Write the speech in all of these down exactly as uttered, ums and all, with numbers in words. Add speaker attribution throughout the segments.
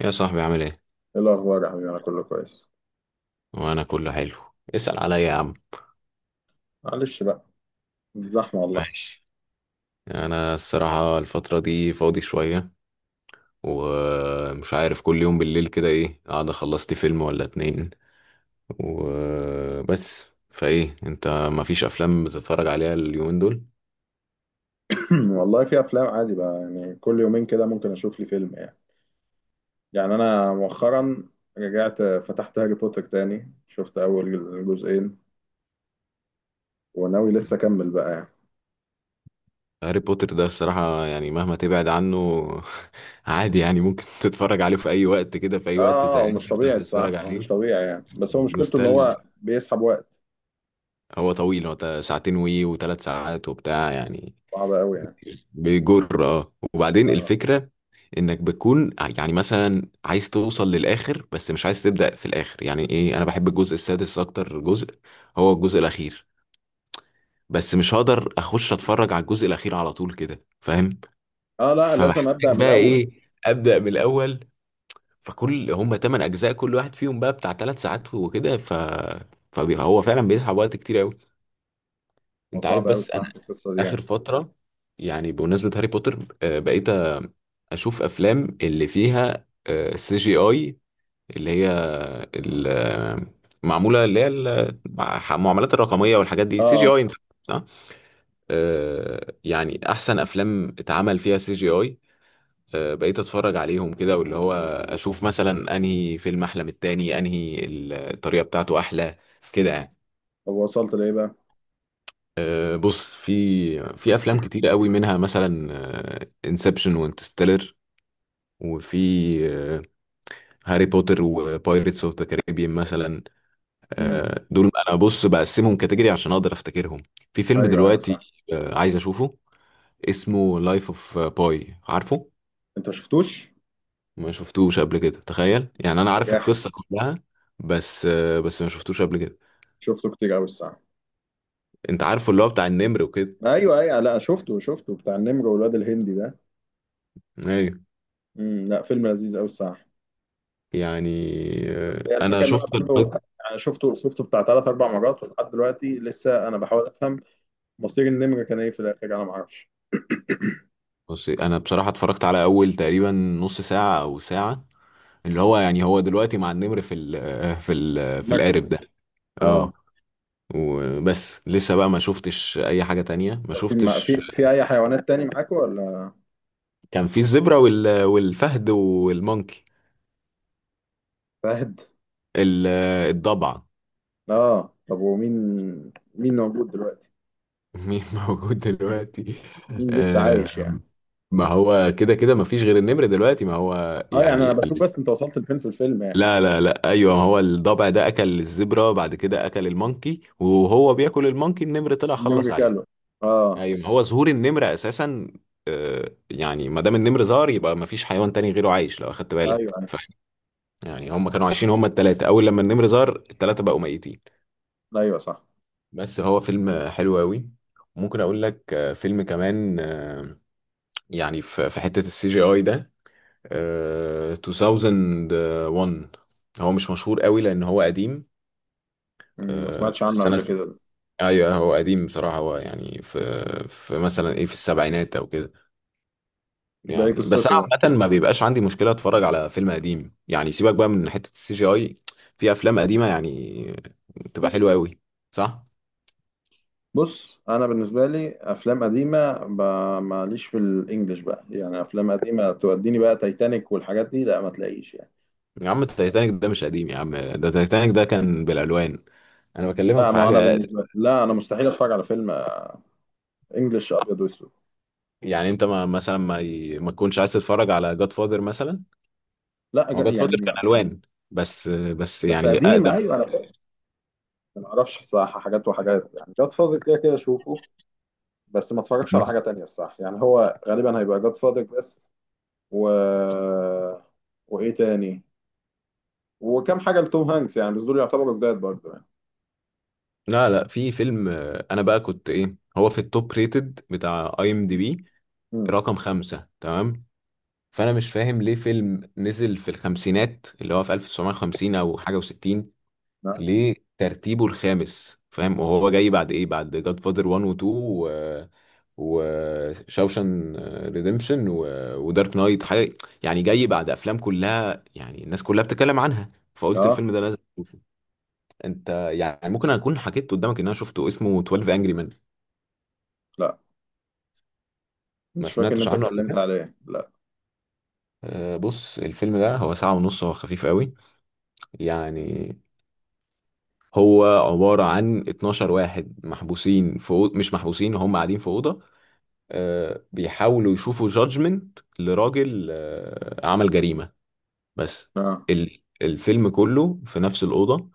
Speaker 1: يا صاحبي عامل ايه؟
Speaker 2: ايه الاخبار يا حبيبي؟ انا كله كويس.
Speaker 1: وانا كله حلو، اسأل عليا يا عم.
Speaker 2: معلش بقى، زحمه والله.
Speaker 1: ماشي. انا الصراحة الفترة دي فاضي شوية، ومش عارف كل يوم بالليل كده ايه، قاعد خلصت فيلم ولا اتنين وبس. فايه انت، مفيش افلام بتتفرج عليها اليومين دول؟
Speaker 2: والله في افلام، عادي بقى يعني كل يومين كده ممكن اشوف لي فيلم يعني. يعني انا مؤخرا رجعت فتحت هاري بوتر تاني، شفت اول جزئين وناوي لسه اكمل بقى يعني.
Speaker 1: هاري بوتر ده الصراحة يعني مهما تبعد عنه عادي يعني ممكن تتفرج عليه في اي وقت، كده في اي وقت
Speaker 2: اه، هو
Speaker 1: زهقان
Speaker 2: مش
Speaker 1: تفتح
Speaker 2: طبيعي
Speaker 1: تتفرج
Speaker 2: الصح، هو مش
Speaker 1: عليه.
Speaker 2: طبيعي يعني، بس هو مشكلته ان
Speaker 1: نوستالج.
Speaker 2: هو بيسحب وقت.
Speaker 1: هو طويل، هو تا- ساعتين وي وثلاث ساعات وبتاع يعني.
Speaker 2: صعب قوي يعني.
Speaker 1: بيجر، اه. وبعدين
Speaker 2: اه.
Speaker 1: الفكرة انك بتكون ع- يعني مثلا عايز توصل للاخر بس مش عايز تبدأ في الاخر، يعني ايه، انا بحب الجزء السادس اكتر جزء، هو الجزء الاخير، بس مش هقدر اخش اتفرج على الجزء الاخير على طول كده، فاهم.
Speaker 2: اه لا، لازم ابدا
Speaker 1: فبحتاج
Speaker 2: من
Speaker 1: بقى
Speaker 2: الاول.
Speaker 1: ايه، ابدأ من الاول. فكل هم تمن اجزاء، كل واحد فيهم بقى بتاع ثلاث ساعات وكده، ف فهو فعلا بيسحب وقت كتير قوي،
Speaker 2: هو
Speaker 1: انت عارف.
Speaker 2: صعب قوي
Speaker 1: بس
Speaker 2: الصح في القصه دي
Speaker 1: اخر
Speaker 2: يعني.
Speaker 1: فتره، يعني بمناسبه هاري بوتر، آه، بقيت آه، اشوف افلام اللي فيها سي جي اي، اللي هي ال- آه، معموله، اللي هي ال- مع- المعاملات الرقميه والحاجات دي،
Speaker 2: اه
Speaker 1: سي جي
Speaker 2: آه.
Speaker 1: اي، صح. آه، يعني احسن افلام اتعمل فيها سي جي اي بقيت اتفرج عليهم كده، واللي هو اشوف مثلا انهي فيلم احلى من التاني، انهي الطريقه بتاعته احلى كده يعني.
Speaker 2: طب وصلت لايه بقى؟
Speaker 1: آه، بص، في في افلام كتير قوي، منها مثلا انسبشن وانترستيلر، وفي هاري بوتر وبايرتس اوف ذا كاريبيان مثلا.
Speaker 2: امم
Speaker 1: آه، دول انا بص بقسمهم كاتيجوري عشان اقدر افتكرهم. في فيلم
Speaker 2: ايوه ايوه
Speaker 1: دلوقتي
Speaker 2: صح.
Speaker 1: آه، عايز اشوفه، اسمه لايف اوف باي، عارفه.
Speaker 2: انت شفتوش؟
Speaker 1: ما شفتوش قبل كده، تخيل، يعني انا
Speaker 2: ده
Speaker 1: عارف
Speaker 2: جاحد.
Speaker 1: القصة كلها بس، آه، بس ما شفتوش قبل كده.
Speaker 2: شفته كتير قوي الصح.
Speaker 1: انت عارفه اللي هو بتاع النمر وكده.
Speaker 2: ايوه ايوه لا، شفته شفته بتاع النمر والواد الهندي ده.
Speaker 1: ايوه.
Speaker 2: امم لا، فيلم لذيذ قوي الصراحه.
Speaker 1: يعني آه،
Speaker 2: هي
Speaker 1: انا
Speaker 2: الفكره ان انا
Speaker 1: شفت،
Speaker 2: برضه أنا شفته شفته بتاع ثلاث اربع مرات ولحد دلوقتي لسه انا بحاول افهم مصير النمر كان ايه في الاخر، انا ما اعرفش.
Speaker 1: بص انا بصراحه اتفرجت على اول تقريبا نص ساعه او ساعه، اللي هو يعني هو دلوقتي مع النمر في ال في ال في
Speaker 2: مركب.
Speaker 1: القارب ده.
Speaker 2: اه.
Speaker 1: اه. وبس لسه بقى، ما شفتش اي حاجه تانية، ما
Speaker 2: طب في مع- في
Speaker 1: شفتش.
Speaker 2: في اي حيوانات تاني معاكوا ولا؟
Speaker 1: كان في الزبره وال والفهد والمونكي،
Speaker 2: فهد.
Speaker 1: ال- الضبع.
Speaker 2: اه، طب ومين؟ مين موجود دلوقتي؟
Speaker 1: مين موجود دلوقتي.
Speaker 2: مين لسه عايش
Speaker 1: آه،
Speaker 2: يعني؟
Speaker 1: ما هو كده كده ما فيش غير النمر دلوقتي، ما هو
Speaker 2: اه، يعني
Speaker 1: يعني.
Speaker 2: انا بشوف بس انت وصلت لفين في الفيلم يعني.
Speaker 1: لا لا لا، ايوه، هو الضبع ده اكل الزبرة، بعد كده اكل المونكي، وهو بياكل المونكي النمر طلع خلص
Speaker 2: النمر
Speaker 1: عليه.
Speaker 2: كله. اه.
Speaker 1: ايوه ما هو ظهور النمر اساسا، آه، يعني ما دام النمر ظهر يبقى ما فيش حيوان تاني غيره عايش لو اخدت
Speaker 2: ايوه
Speaker 1: بالك.
Speaker 2: ايوه.
Speaker 1: ف يعني هم كانوا عايشين هم التلاتة، اول لما النمر ظهر التلاتة بقوا ميتين.
Speaker 2: أيوة، صح.
Speaker 1: بس هو فيلم حلو قوي. ممكن اقول لك آه، فيلم كمان، آه، يعني في في حتة السي جي اي ده، آه، ألفين وواحد، هو مش مشهور قوي لان هو قديم،
Speaker 2: أمم، ما
Speaker 1: آه،
Speaker 2: سمعتش عنه
Speaker 1: بس انا
Speaker 2: قبل كده ده.
Speaker 1: ايوه هو قديم بصراحه، هو يعني في، في مثلا ايه، في السبعينات او كده
Speaker 2: ده ايه
Speaker 1: يعني، بس انا
Speaker 2: قصته ده؟
Speaker 1: عامه ما بيبقاش عندي مشكله اتفرج على فيلم قديم، يعني سيبك بقى من حته السي جي اي، في افلام قديمه يعني بتبقى حلوه قوي، صح.
Speaker 2: بص، انا بالنسبه لي افلام قديمه ب- ماليش في الانجليش بقى يعني. افلام قديمه توديني بقى تايتانيك والحاجات دي، لا ما تلاقيش يعني.
Speaker 1: يا عم التايتانيك ده مش قديم يا عم، ده التايتانيك ده كان بالالوان، انا بكلمك
Speaker 2: لا،
Speaker 1: في
Speaker 2: ما
Speaker 1: حاجه
Speaker 2: انا
Speaker 1: أقل.
Speaker 2: بالنسبه لي، لا انا مستحيل اتفرج على فيلم انجليش ابيض واسود.
Speaker 1: يعني انت ما مثلا ما ي... ما تكونش عايز تتفرج على جاد فاذر مثلا.
Speaker 2: لا
Speaker 1: هو
Speaker 2: جا-
Speaker 1: جاد
Speaker 2: يعني
Speaker 1: فاذر كان
Speaker 2: ما.
Speaker 1: الوان بس، بس
Speaker 2: بس
Speaker 1: يعني
Speaker 2: قديم،
Speaker 1: اقدم.
Speaker 2: ايوه انا فاهم. ما اعرفش الصراحه، حاجات وحاجات يعني جاد فاضل كده كده اشوفه، بس ما اتفرجش على حاجه تانية الصراحه. يعني هو غالبا هيبقى جاد فاضل بس. و، وايه تاني، وكم حاجه لتوم هانكس يعني، بس دول يعتبروا جداد برضه يعني.
Speaker 1: لا لا، في فيلم، آه، انا بقى كنت ايه، هو في التوب ريتد بتاع اي ام دي بي
Speaker 2: امم
Speaker 1: رقم خمسة، تمام. فانا مش فاهم ليه فيلم نزل في الخمسينات اللي هو في ألف وتسعمية وخمسين او حاجة و60، ليه ترتيبه الخامس، فاهم، وهو جاي بعد ايه، بعد جاد فاذر واحد و اتنين و وشاوشان ريديمشن و... ودارك نايت حاجة، يعني جاي بعد افلام كلها يعني الناس كلها بتتكلم عنها، فقلت
Speaker 2: اه
Speaker 1: الفيلم ده لازم. انت يعني ممكن اكون حكيت قدامك ان انا شفته، اسمه اتناشر انجري مان.
Speaker 2: لا،
Speaker 1: ما
Speaker 2: مش فاكر ان
Speaker 1: سمعتش
Speaker 2: انت
Speaker 1: عنه قبل
Speaker 2: اتكلمت
Speaker 1: كده.
Speaker 2: عليه، لا.
Speaker 1: آه، بص الفيلم ده هو ساعة ونص، هو خفيف قوي يعني، هو عبارة عن اتناشر واحد محبوسين في أوض... مش محبوسين، هم قاعدين في أوضة، آه، بيحاولوا يشوفوا جادجمنت لراجل آه، عمل جريمة بس.
Speaker 2: اه
Speaker 1: ال... الفيلم كله في نفس الأوضة،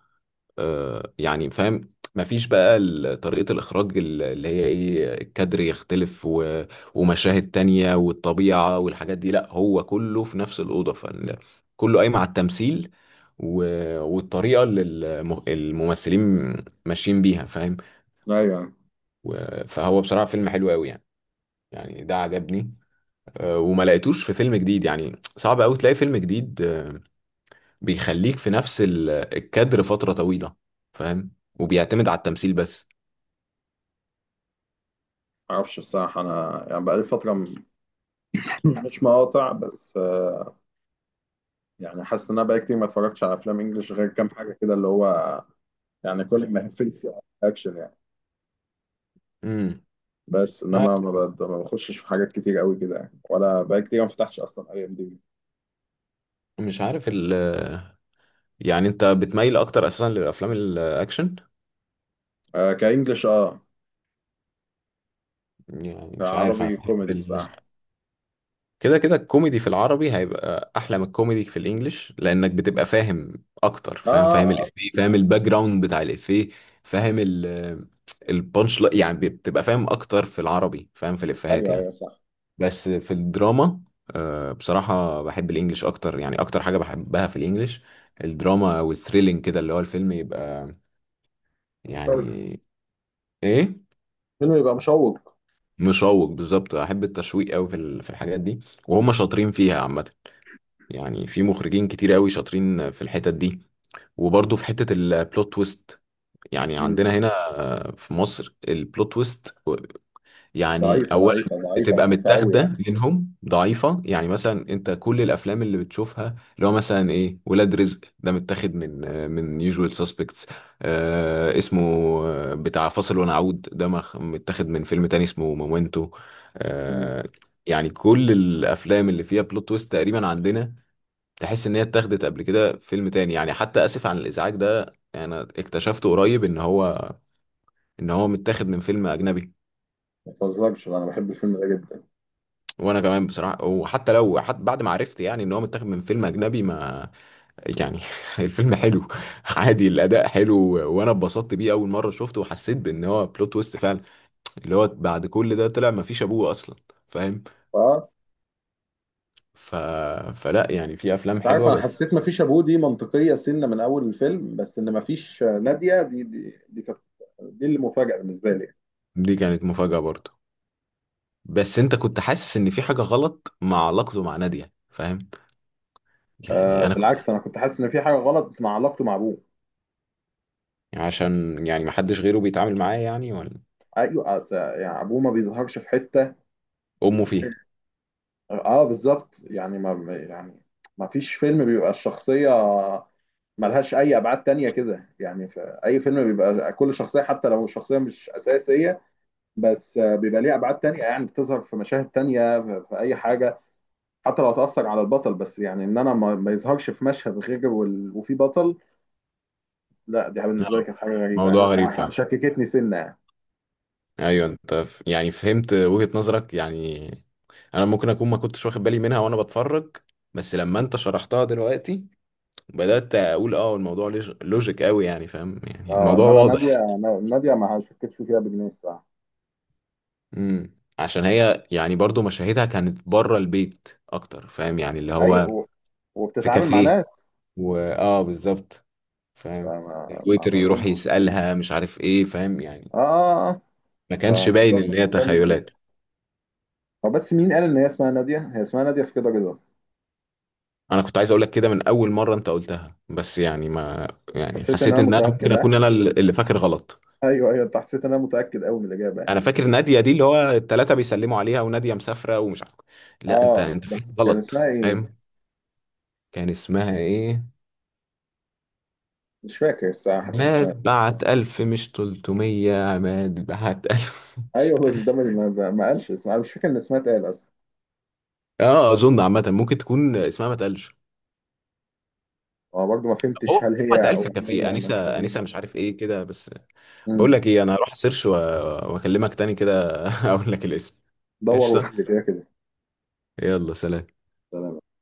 Speaker 1: آه، يعني فاهم، مفيش بقى ال- طريقة الإخراج ال- اللي هي إيه، الكادر يختلف و... ومشاهد تانية والطبيعة والحاجات دي، لأ هو كله في نفس الأوضة، فكله قايم على التمثيل و... والطريقة اللي الم- الممثلين ماشيين بيها، فاهم.
Speaker 2: ايوه.
Speaker 1: و... فهو بصراحة فيلم حلو أوي يعني، يعني ده عجبني. آه، وما لقيتوش في فيلم جديد، يعني صعب أوي تلاقي فيلم جديد آه، بيخليك في نفس ال- الكادر فترة طويلة، فاهم، وبيعتمد على التمثيل بس.
Speaker 2: معرفش الصراحة انا، يعني بقالي فترة م- مش مقاطع بس آه، يعني حاسس ان انا بقالي كتير ما اتفرجتش على افلام انجلش غير كام حاجة كده، اللي هو يعني كل ما يقفلش اكشن يعني.
Speaker 1: امم.
Speaker 2: بس انما ما بد- ما بخشش في حاجات كتير قوي كده يعني، ولا بقالي كتير ما فتحتش اصلا اي ام دي بي.
Speaker 1: مش عارف ال، يعني انت بتميل اكتر اساسا للافلام الاكشن.
Speaker 2: كانجلش، اه.
Speaker 1: يعني مش عارف، انا
Speaker 2: كعربي
Speaker 1: بحب
Speaker 2: كوميدي
Speaker 1: ال...
Speaker 2: الصراحة.
Speaker 1: كده كده الكوميدي في العربي هيبقى احلى من الكوميدي في الانجليش، لانك بتبقى فاهم اكتر،
Speaker 2: اه
Speaker 1: فاهم،
Speaker 2: آه،
Speaker 1: فاهم
Speaker 2: آه،
Speaker 1: الافيه، فاهم الباك جراوند بتاع الافيه، فاهم ال، البانش لا- يعني بتبقى فاهم اكتر في العربي، فاهم في الافيهات
Speaker 2: ايوه
Speaker 1: يعني.
Speaker 2: ايوه صح.
Speaker 1: بس في الدراما آه، بصراحة بحب الانجليش اكتر، يعني اكتر حاجة بحبها في الانجليش الدراما والثريلينج، كده اللي هو الفيلم يبقى
Speaker 2: شوق.
Speaker 1: يعني ايه،
Speaker 2: فيلم يبقى مشوق.
Speaker 1: مشوق بالظبط، احب التشويق قوي في ال- في الحاجات دي، وهم شاطرين فيها عامه، يعني في مخرجين كتير قوي شاطرين في الحتت دي. وبرضه في حته البلوت تويست، يعني
Speaker 2: مم.
Speaker 1: عندنا هنا في مصر البلوت تويست يعني
Speaker 2: ضعيفة
Speaker 1: اولا
Speaker 2: ضعيفة ضعيفة
Speaker 1: بتبقى
Speaker 2: ضعيفة قوي يعني.
Speaker 1: متاخده منهم، ضعيفه يعني. مثلا انت كل الافلام اللي بتشوفها اللي هو مثلا ايه، ولاد رزق ده متاخد من، آه، من يوجوال سسبكتس، آه اسمه، آه، بتاع فاصل ونعود ده مخ- متاخد من فيلم تاني اسمه مومنتو.
Speaker 2: مم.
Speaker 1: آه. يعني كل الافلام اللي فيها بلوت تويست تقريبا عندنا تحس ان هي اتاخدت قبل كده فيلم تاني، يعني حتى اسف عن الازعاج ده انا اكتشفته قريب ان هو ان هو متاخد من فيلم اجنبي.
Speaker 2: ما تهزرش، انا بحب الفيلم ده جدا.
Speaker 1: وانا كمان بصراحه، وحتى لو، حتى بعد ما عرفت يعني ان هو متاخد من فيلم اجنبي ما، يعني الفيلم حلو عادي، الاداء حلو، وانا اتبسطت بيه اول مره شفته، وحسيت بان هو بلوت تويست فعلا اللي هو بعد كل ده طلع ما فيش ابوه اصلا، فاهم.
Speaker 2: اه.
Speaker 1: ف... فلا يعني، في افلام
Speaker 2: مش عارف،
Speaker 1: حلوه
Speaker 2: انا
Speaker 1: بس.
Speaker 2: حسيت مفيش ابوه دي منطقيه سنه من اول الفيلم، بس ان مفيش ناديه دي دي دي كانت، دي اللي مفاجاه بالنسبه لي.
Speaker 1: دي كانت مفاجاه برضه، بس انت كنت حاسس ان في حاجه غلط مع علاقته مع ناديه، فاهم.
Speaker 2: آه
Speaker 1: يعني انا كنت،
Speaker 2: بالعكس انا كنت حاسس ان في حاجه غلط مع علاقته مع ابوه.
Speaker 1: عشان يعني ما حدش غيره بيتعامل معاه يعني، ولا
Speaker 2: ايوه، أس- يعني ابوه ما بيظهرش في حته
Speaker 1: امه فيها،
Speaker 2: غير- اه بالظبط، يعني ما يعني ما فيش فيلم بيبقى الشخصيه ملهاش اي ابعاد تانية كده يعني. في اي فيلم بيبقى كل شخصيه حتى لو الشخصيه مش اساسيه، بس آه، بيبقى ليها ابعاد تانية يعني بتظهر في مشاهد تانية في في اي حاجه، حتى لو هتأثر على البطل. بس يعني ان انا ما, ما يظهرش في مشهد غير وال... وفي بطل. لا، دي بالنسبه لي كانت حاجه غريبه
Speaker 1: موضوع
Speaker 2: يعني،
Speaker 1: غريب
Speaker 2: يعني
Speaker 1: فعلا.
Speaker 2: شككتني سنه يعني.
Speaker 1: ايوه انت ف- يعني فهمت وجهة نظرك، يعني انا ممكن اكون ما كنتش واخد بالي منها وانا بتفرج، بس لما انت شرحتها دلوقتي بدأت اقول اه الموضوع ليج- لوجيك قوي، يعني فاهم، يعني
Speaker 2: اه،
Speaker 1: الموضوع
Speaker 2: انما ناديه.
Speaker 1: واضح.
Speaker 2: ناديه ما شكتش فيها بجنيه الصراحه.
Speaker 1: امم، عشان هي يعني برضو مشاهدها كانت بره البيت اكتر، فاهم يعني اللي هو
Speaker 2: ايوه و-
Speaker 1: في
Speaker 2: وبتتعامل مع
Speaker 1: كافيه،
Speaker 2: ناس.
Speaker 1: واه بالظبط، فاهم،
Speaker 2: فما ما,
Speaker 1: الويتر
Speaker 2: ما
Speaker 1: يروح
Speaker 2: فين.
Speaker 1: يسألها مش عارف ايه، فاهم يعني،
Speaker 2: اه اه اه آه.
Speaker 1: ما كانش باين
Speaker 2: فالموضوع
Speaker 1: ان هي
Speaker 2: بالنسبه لي،
Speaker 1: تخيلات.
Speaker 2: هو بس مين قال ان هي اسمها ناديه؟ هي اسمها ناديه في كده رضا.
Speaker 1: انا كنت عايز اقول لك كده من اول مره انت قلتها، بس يعني ما، يعني
Speaker 2: حسيت ان
Speaker 1: حسيت
Speaker 2: انا
Speaker 1: ان انا ممكن
Speaker 2: متاكد، ها؟
Speaker 1: اكون انا اللي فاكر غلط.
Speaker 2: ايوه ايوه، انت حسيت ان انا متاكد قوي من الاجابه يعني.
Speaker 1: انا فاكر ناديه دي اللي هو الثلاثه بيسلموا عليها وناديه مسافره ومش عارف. لا انت
Speaker 2: اه
Speaker 1: انت فاكر
Speaker 2: بس كان
Speaker 1: غلط،
Speaker 2: اسمها ايه؟
Speaker 1: فاهم، كان اسمها ايه.
Speaker 2: مش فاكر الصراحه كان اسمها.
Speaker 1: عماد بعت ألف مش تلتمية، عماد بعت ألف مش-.
Speaker 2: ايوه بس ده ما، ما ما قالش اسمها. أنا مش فاكر ان اسمها اتقال اصلا.
Speaker 1: اه اظن عامه ممكن تكون اسمها ما تقلش.
Speaker 2: هو برضه ما فهمتش
Speaker 1: هو
Speaker 2: هل
Speaker 1: بعت
Speaker 2: هي او
Speaker 1: ألف كافيه،
Speaker 2: هي مش
Speaker 1: انسه
Speaker 2: وهمية.
Speaker 1: انسه مش عارف ايه كده بس. بقول
Speaker 2: امم
Speaker 1: لك ايه، انا هروح سيرش واكلمك تاني كده اقول لك الاسم.
Speaker 2: دور
Speaker 1: ايش.
Speaker 2: وقول لي كده كده.
Speaker 1: يلا سلام.
Speaker 2: تمام.